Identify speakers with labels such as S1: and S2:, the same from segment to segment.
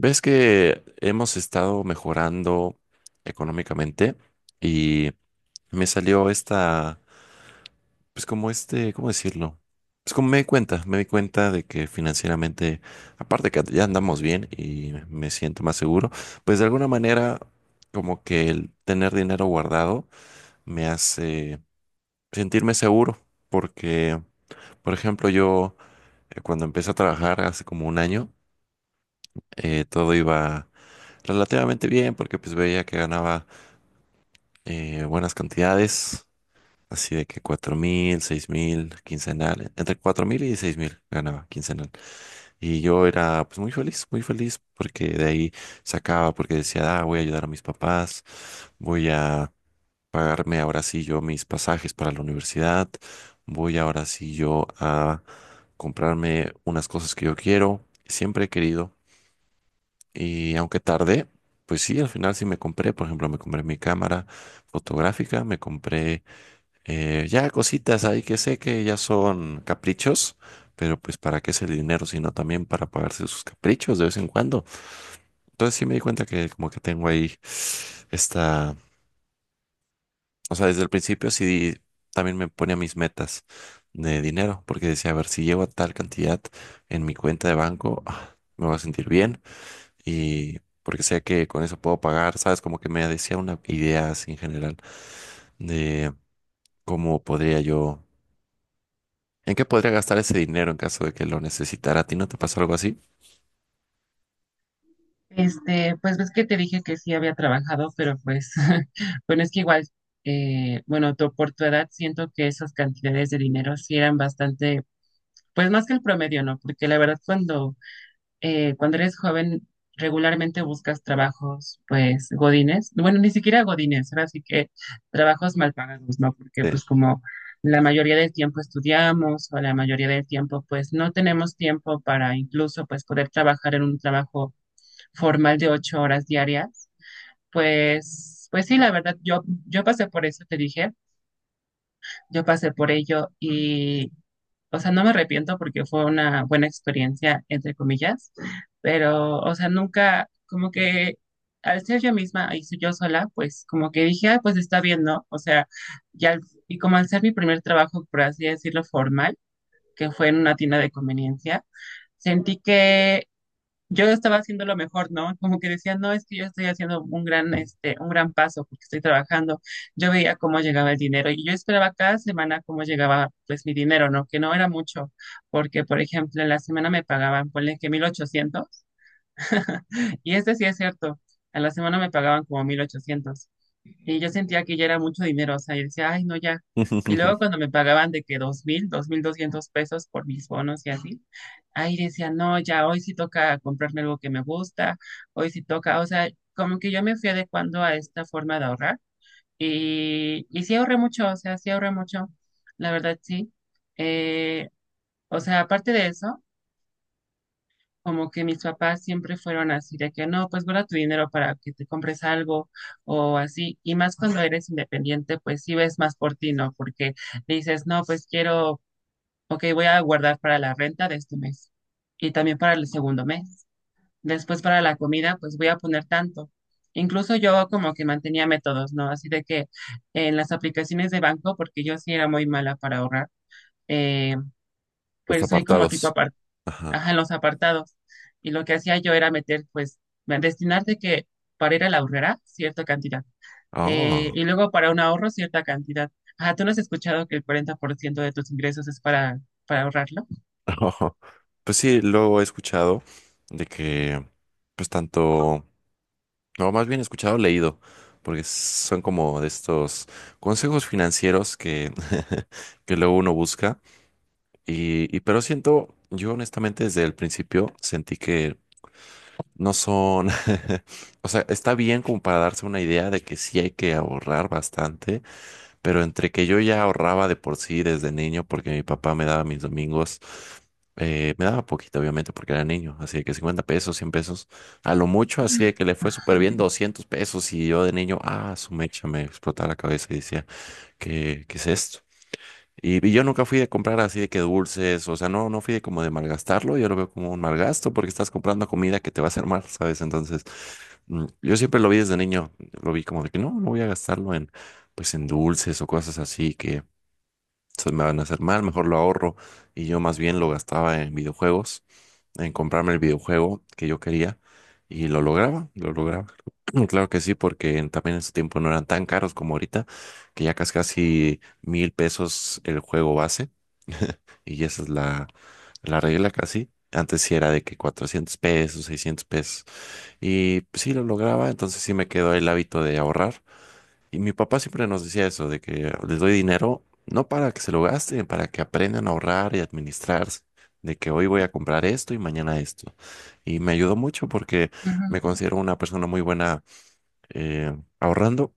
S1: Ves que hemos estado mejorando económicamente y me salió esta, pues como este, ¿cómo decirlo? Pues como me di cuenta de que financieramente, aparte que ya andamos bien y me siento más seguro, pues de alguna manera como que el tener dinero guardado me hace sentirme seguro porque, por ejemplo, yo cuando empecé a trabajar hace como un año, todo iba relativamente bien porque pues veía que ganaba buenas cantidades, así de que 4,000, 6,000, quincenal, entre 4,000 y 6,000 ganaba quincenal. Y yo era pues muy feliz porque de ahí sacaba, porque decía, ah, voy a ayudar a mis papás, voy a pagarme ahora sí yo mis pasajes para la universidad, voy ahora sí yo a comprarme unas cosas que yo quiero, siempre he querido. Y aunque tardé, pues sí, al final sí me compré, por ejemplo, me compré mi cámara fotográfica, me compré ya cositas ahí que sé que ya son caprichos, pero pues para qué es el dinero, sino también para pagarse sus caprichos de vez en cuando. Entonces sí me di cuenta que como que tengo ahí esta, o sea, desde el principio sí también me ponía mis metas de dinero, porque decía, a ver, si llego a tal cantidad en mi cuenta de banco, ah, me voy a sentir bien y porque sé que con eso puedo pagar, ¿sabes? Como que me decía una idea así en general de cómo podría yo, en qué podría gastar ese dinero en caso de que lo necesitara. ¿A ti no te pasó algo así?
S2: Pues ves que te dije que sí había trabajado, pero bueno, es que igual, por tu edad siento que esas cantidades de dinero sí eran bastante, pues más que el promedio, ¿no? Porque la verdad cuando eres joven regularmente buscas trabajos, pues, godines, bueno, ni siquiera godines, ahora sí que trabajos mal pagados, ¿no? Porque
S1: Sí.
S2: pues como la mayoría del tiempo estudiamos o la mayoría del tiempo pues no tenemos tiempo para incluso pues poder trabajar en un trabajo formal de 8 horas diarias, pues sí, la verdad, yo pasé por eso, te dije, yo pasé por ello y, o sea, no me arrepiento porque fue una buena experiencia, entre comillas, pero, o sea, nunca, como que al ser yo misma y ser yo sola, pues como que dije, ah, pues está bien, ¿no? O sea, ya, y como al ser mi primer trabajo, por así decirlo, formal, que fue en una tienda de conveniencia, sentí que yo estaba haciendo lo mejor, ¿no? Como que decía, no, es que yo estoy haciendo un gran, este, un gran paso porque estoy trabajando. Yo veía cómo llegaba el dinero y yo esperaba cada semana cómo llegaba, pues, mi dinero, ¿no? Que no era mucho, porque, por ejemplo, en la semana me pagaban, ponle que 1,800. Y este sí es cierto. A la semana me pagaban como 1,800. Y yo sentía que ya era mucho dinero. O sea, yo decía, ay, no, ya. Y luego cuando me pagaban de que 2,200 pesos por mis bonos y así, ahí decía, no, ya, hoy sí toca comprarme algo que me gusta. Hoy sí toca. O sea, como que yo me fui adecuando a esta forma de ahorrar. Y sí ahorré mucho. O sea, sí ahorré mucho. La verdad, sí. Eh, o sea, aparte de eso como que mis papás siempre fueron así, de que no, pues guarda tu dinero para que te compres algo o así. Y más cuando eres independiente, pues sí ves más por ti, ¿no? Porque dices, no, pues quiero, ok, voy a guardar para la renta de este mes y también para el segundo mes. Después para la comida, pues voy a poner tanto. Incluso yo como que mantenía métodos, ¿no? Así de que en las aplicaciones de banco, porque yo sí era muy mala para ahorrar, eh,
S1: Los
S2: pues soy como tipo
S1: apartados.
S2: aparte.
S1: Ajá.
S2: Ajá, en los apartados. Y lo que hacía yo era meter, pues, destinar de que para ir a la ahorrera cierta cantidad.
S1: Oh.
S2: Y luego para un ahorro cierta cantidad. Ajá, ¿tú no has escuchado que el 40% de tus ingresos es para ahorrarlo?
S1: Pues sí, luego he escuchado de que, pues tanto, no, más bien he escuchado, leído, porque son como de estos consejos financieros que, que luego uno busca. Y pero siento, yo honestamente desde el principio sentí que no son, o sea, está bien como para darse una idea de que sí hay que ahorrar bastante, pero entre que yo ya ahorraba de por sí desde niño porque mi papá me daba mis domingos, me daba poquito obviamente porque era niño, así de que 50 pesos, 100 pesos, a lo mucho, así de que le fue súper bien 200 pesos y yo de niño, ah, su mecha me explotaba la cabeza y decía, ¿qué es esto? Y yo nunca fui de comprar así de que dulces, o sea, no, no fui de como de malgastarlo, yo lo veo como un malgasto porque estás comprando comida que te va a hacer mal, ¿sabes? Entonces, yo siempre lo vi desde niño, lo vi como de que no, no voy a gastarlo en, pues en dulces o cosas así que se me van a hacer mal, mejor lo ahorro. Y yo más bien lo gastaba en videojuegos, en comprarme el videojuego que yo quería y lo lograba, lo lograba. Claro que sí, porque también en su tiempo no eran tan caros como ahorita, que ya casi casi 1,000 pesos el juego base y esa es la regla casi. Antes sí era de que 400 pesos, 600 pesos. Y pues, sí lo lograba, entonces sí me quedó el hábito de ahorrar. Y mi papá siempre nos decía eso, de que les doy dinero, no para que se lo gasten, para que aprendan a ahorrar y administrarse, de que hoy voy a comprar esto y mañana esto. Y me ayudó mucho porque me
S2: Ujú,
S1: considero una persona muy buena ahorrando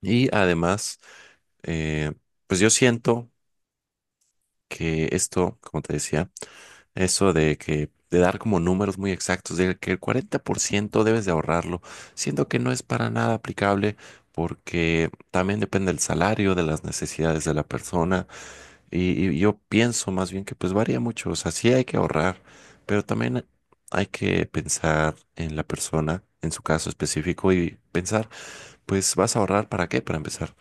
S1: y además, eh, pues yo siento que esto, como te decía, eso de dar como números muy exactos, de que el 40% debes de ahorrarlo, siendo que no es para nada aplicable porque también depende del salario, de las necesidades de la persona y yo pienso más bien que pues varía mucho, o sea, sí hay que ahorrar, pero también hay que pensar en la persona, en su caso específico y pensar pues vas a ahorrar para qué, para empezar.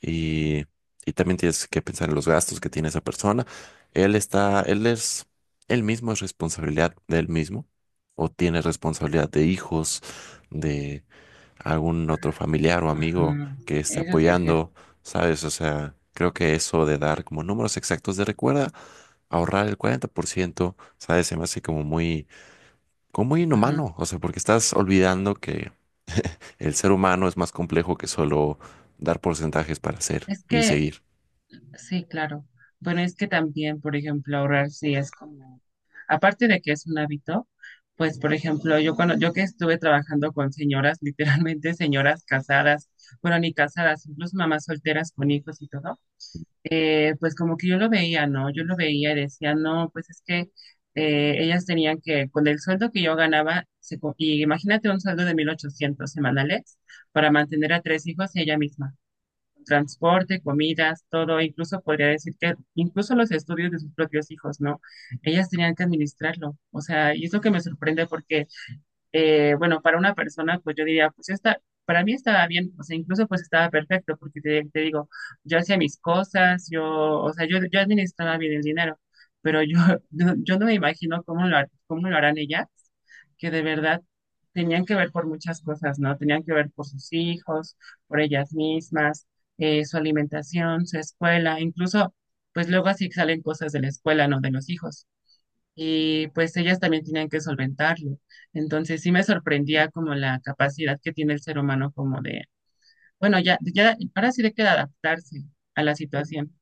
S1: Y, y también tienes que pensar en los gastos que tiene esa persona. Él está, él es, él mismo es responsabilidad de él mismo o tiene responsabilidad de hijos, de algún otro familiar o amigo
S2: ujú.
S1: que esté
S2: Eso sí es cierto.
S1: apoyando, ¿sabes? O sea, creo que eso de dar como números exactos de recuerda, ahorrar el 40%, ¿sabes? Se me hace como muy
S2: Ujú.
S1: inhumano, o sea, porque estás olvidando que el ser humano es más complejo que solo dar porcentajes para hacer
S2: Es
S1: y
S2: que
S1: seguir.
S2: sí, claro. Bueno, es que también, por ejemplo, ahorrar sí es como, aparte de que es un hábito, pues, por ejemplo, yo cuando yo que estuve trabajando con señoras, literalmente señoras casadas, bueno, ni casadas, incluso mamás solteras con hijos y todo, pues como que yo lo veía, ¿no? Yo lo veía y decía, no, pues es que ellas tenían que, con el sueldo que yo ganaba, y imagínate un sueldo de 1,800 semanales para mantener a tres hijos y ella misma, transporte, comidas, todo, e incluso podría decir que incluso los estudios de sus propios hijos, ¿no? Ellas tenían que administrarlo, o sea, y es lo que me sorprende porque bueno, para una persona, pues yo diría, pues está, para mí estaba bien, o sea, incluso pues estaba perfecto, porque te digo, yo hacía mis cosas, yo, o sea, yo administraba bien el dinero, pero yo, yo no me imagino cómo lo harán ellas, que de verdad tenían que ver por muchas cosas, ¿no? Tenían que ver por sus hijos, por ellas mismas, su alimentación, su escuela, incluso, pues luego así salen cosas de la escuela, ¿no? De los hijos, y pues ellas también tenían que solventarlo. Entonces sí me sorprendía como la capacidad que tiene el ser humano como de, bueno, ya, ya, ahora sí de que adaptarse a la situación.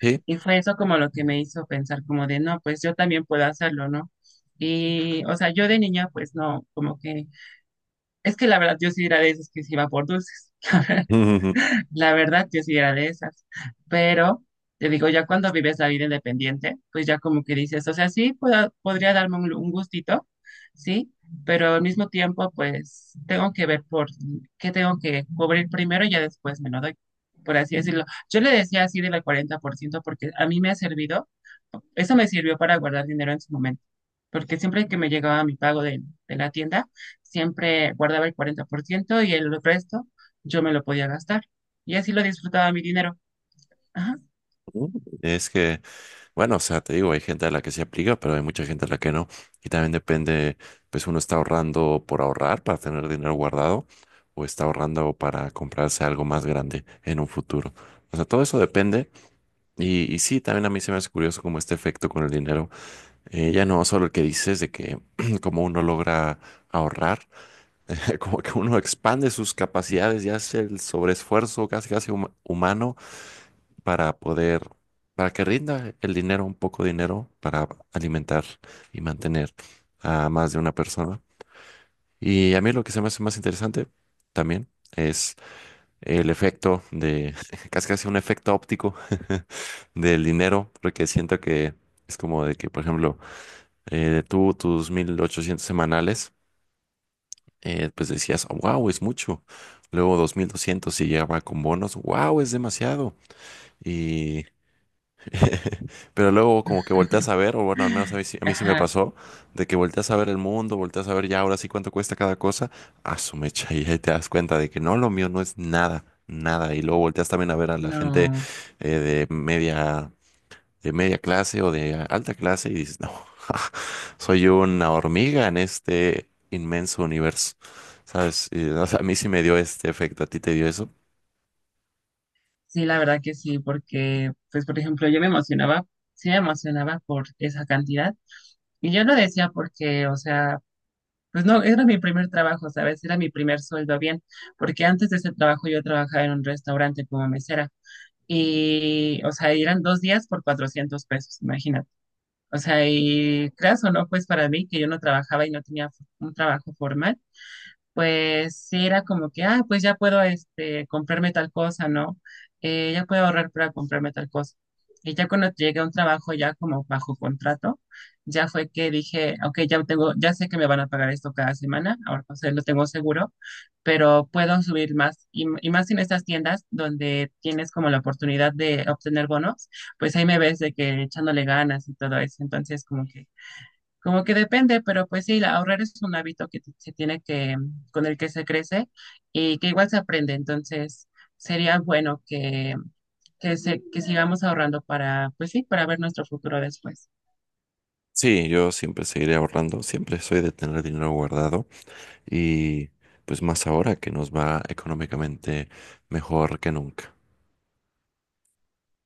S1: Sí.
S2: Y fue eso como lo que me hizo pensar como de, no, pues yo también puedo hacerlo, ¿no? Y, o sea, yo de niña, pues no, como que, es que la verdad yo sí era de esos que se iba por dulces. La verdad, yo sí era de esas. Pero te digo, ya cuando vives la vida independiente, pues ya como que dices, o sea, sí, podría darme un gustito, sí, pero al mismo tiempo, pues tengo que ver por qué tengo que cubrir primero y ya después me lo doy, por así decirlo. Yo le decía así del 40% porque a mí me ha servido, eso me sirvió para guardar dinero en su momento. Porque siempre que me llegaba mi pago de la tienda, siempre guardaba el 40% y el resto yo me lo podía gastar. Y así lo disfrutaba mi dinero. Ajá.
S1: Es que, bueno, o sea, te digo, hay gente a la que se aplica, pero hay mucha gente a la que no. Y también depende, pues uno está ahorrando por ahorrar, para tener dinero guardado, o está ahorrando para comprarse algo más grande en un futuro. O sea, todo eso depende. Y sí, también a mí se me hace curioso como este efecto con el dinero. Ya no solo el que dices de que como uno logra ahorrar como que uno expande sus capacidades y hace el sobreesfuerzo casi casi humano para poder, para que rinda el dinero, un poco de dinero para alimentar y mantener a más de una persona. Y a mí lo que se me hace más interesante también es el efecto de, casi casi un efecto óptico del dinero, porque siento que es como de que, por ejemplo, tú tus 1,800 semanales pues decías, wow, es mucho. Luego 2,200 si llegaba con bonos, wow, es demasiado. Y pero luego como que volteas a ver, o bueno, al menos a mí, a mí sí me
S2: Ajá,
S1: pasó, de que volteas a ver el mundo, volteas a ver ya ahora sí cuánto cuesta cada cosa, a su mecha y ahí te das cuenta de que no, lo mío no es nada, nada. Y luego volteas también a ver a la gente
S2: no,
S1: eh, de media de media clase o de alta clase y dices, no, soy una hormiga en este inmenso universo, ¿sabes? Y, o sea, a mí sí me dio este efecto, ¿a ti te dio eso?
S2: sí, la verdad que sí, porque, pues, por ejemplo, yo me emocionaba, sí me emocionaba por esa cantidad, y yo lo decía porque, o sea, pues no, era mi primer trabajo, ¿sabes? Era mi primer sueldo bien, porque antes de ese trabajo yo trabajaba en un restaurante como mesera, y, o sea, eran 2 días por 400 pesos, imagínate. O sea, y creas o no, pues para mí, que yo no trabajaba y no tenía un trabajo formal, pues sí era como que, ah, pues ya puedo este, comprarme tal cosa, ¿no? Ya puedo ahorrar para comprarme tal cosa. Y ya cuando llegué a un trabajo ya como bajo contrato, ya fue que dije, ok, ya tengo, ya sé que me van a pagar esto cada semana, ahora o sea, lo tengo seguro, pero puedo subir más y más en estas tiendas donde tienes como la oportunidad de obtener bonos, pues ahí me ves de que echándole ganas y todo eso. Entonces, como que depende, pero pues sí, ahorrar es un hábito que se tiene que, con el que se crece y que igual se aprende. Entonces, sería bueno que, se, que sigamos ahorrando para, pues sí, para ver nuestro futuro después.
S1: Sí, yo siempre seguiré ahorrando, siempre soy de tener dinero guardado y pues más ahora que nos va económicamente mejor que nunca.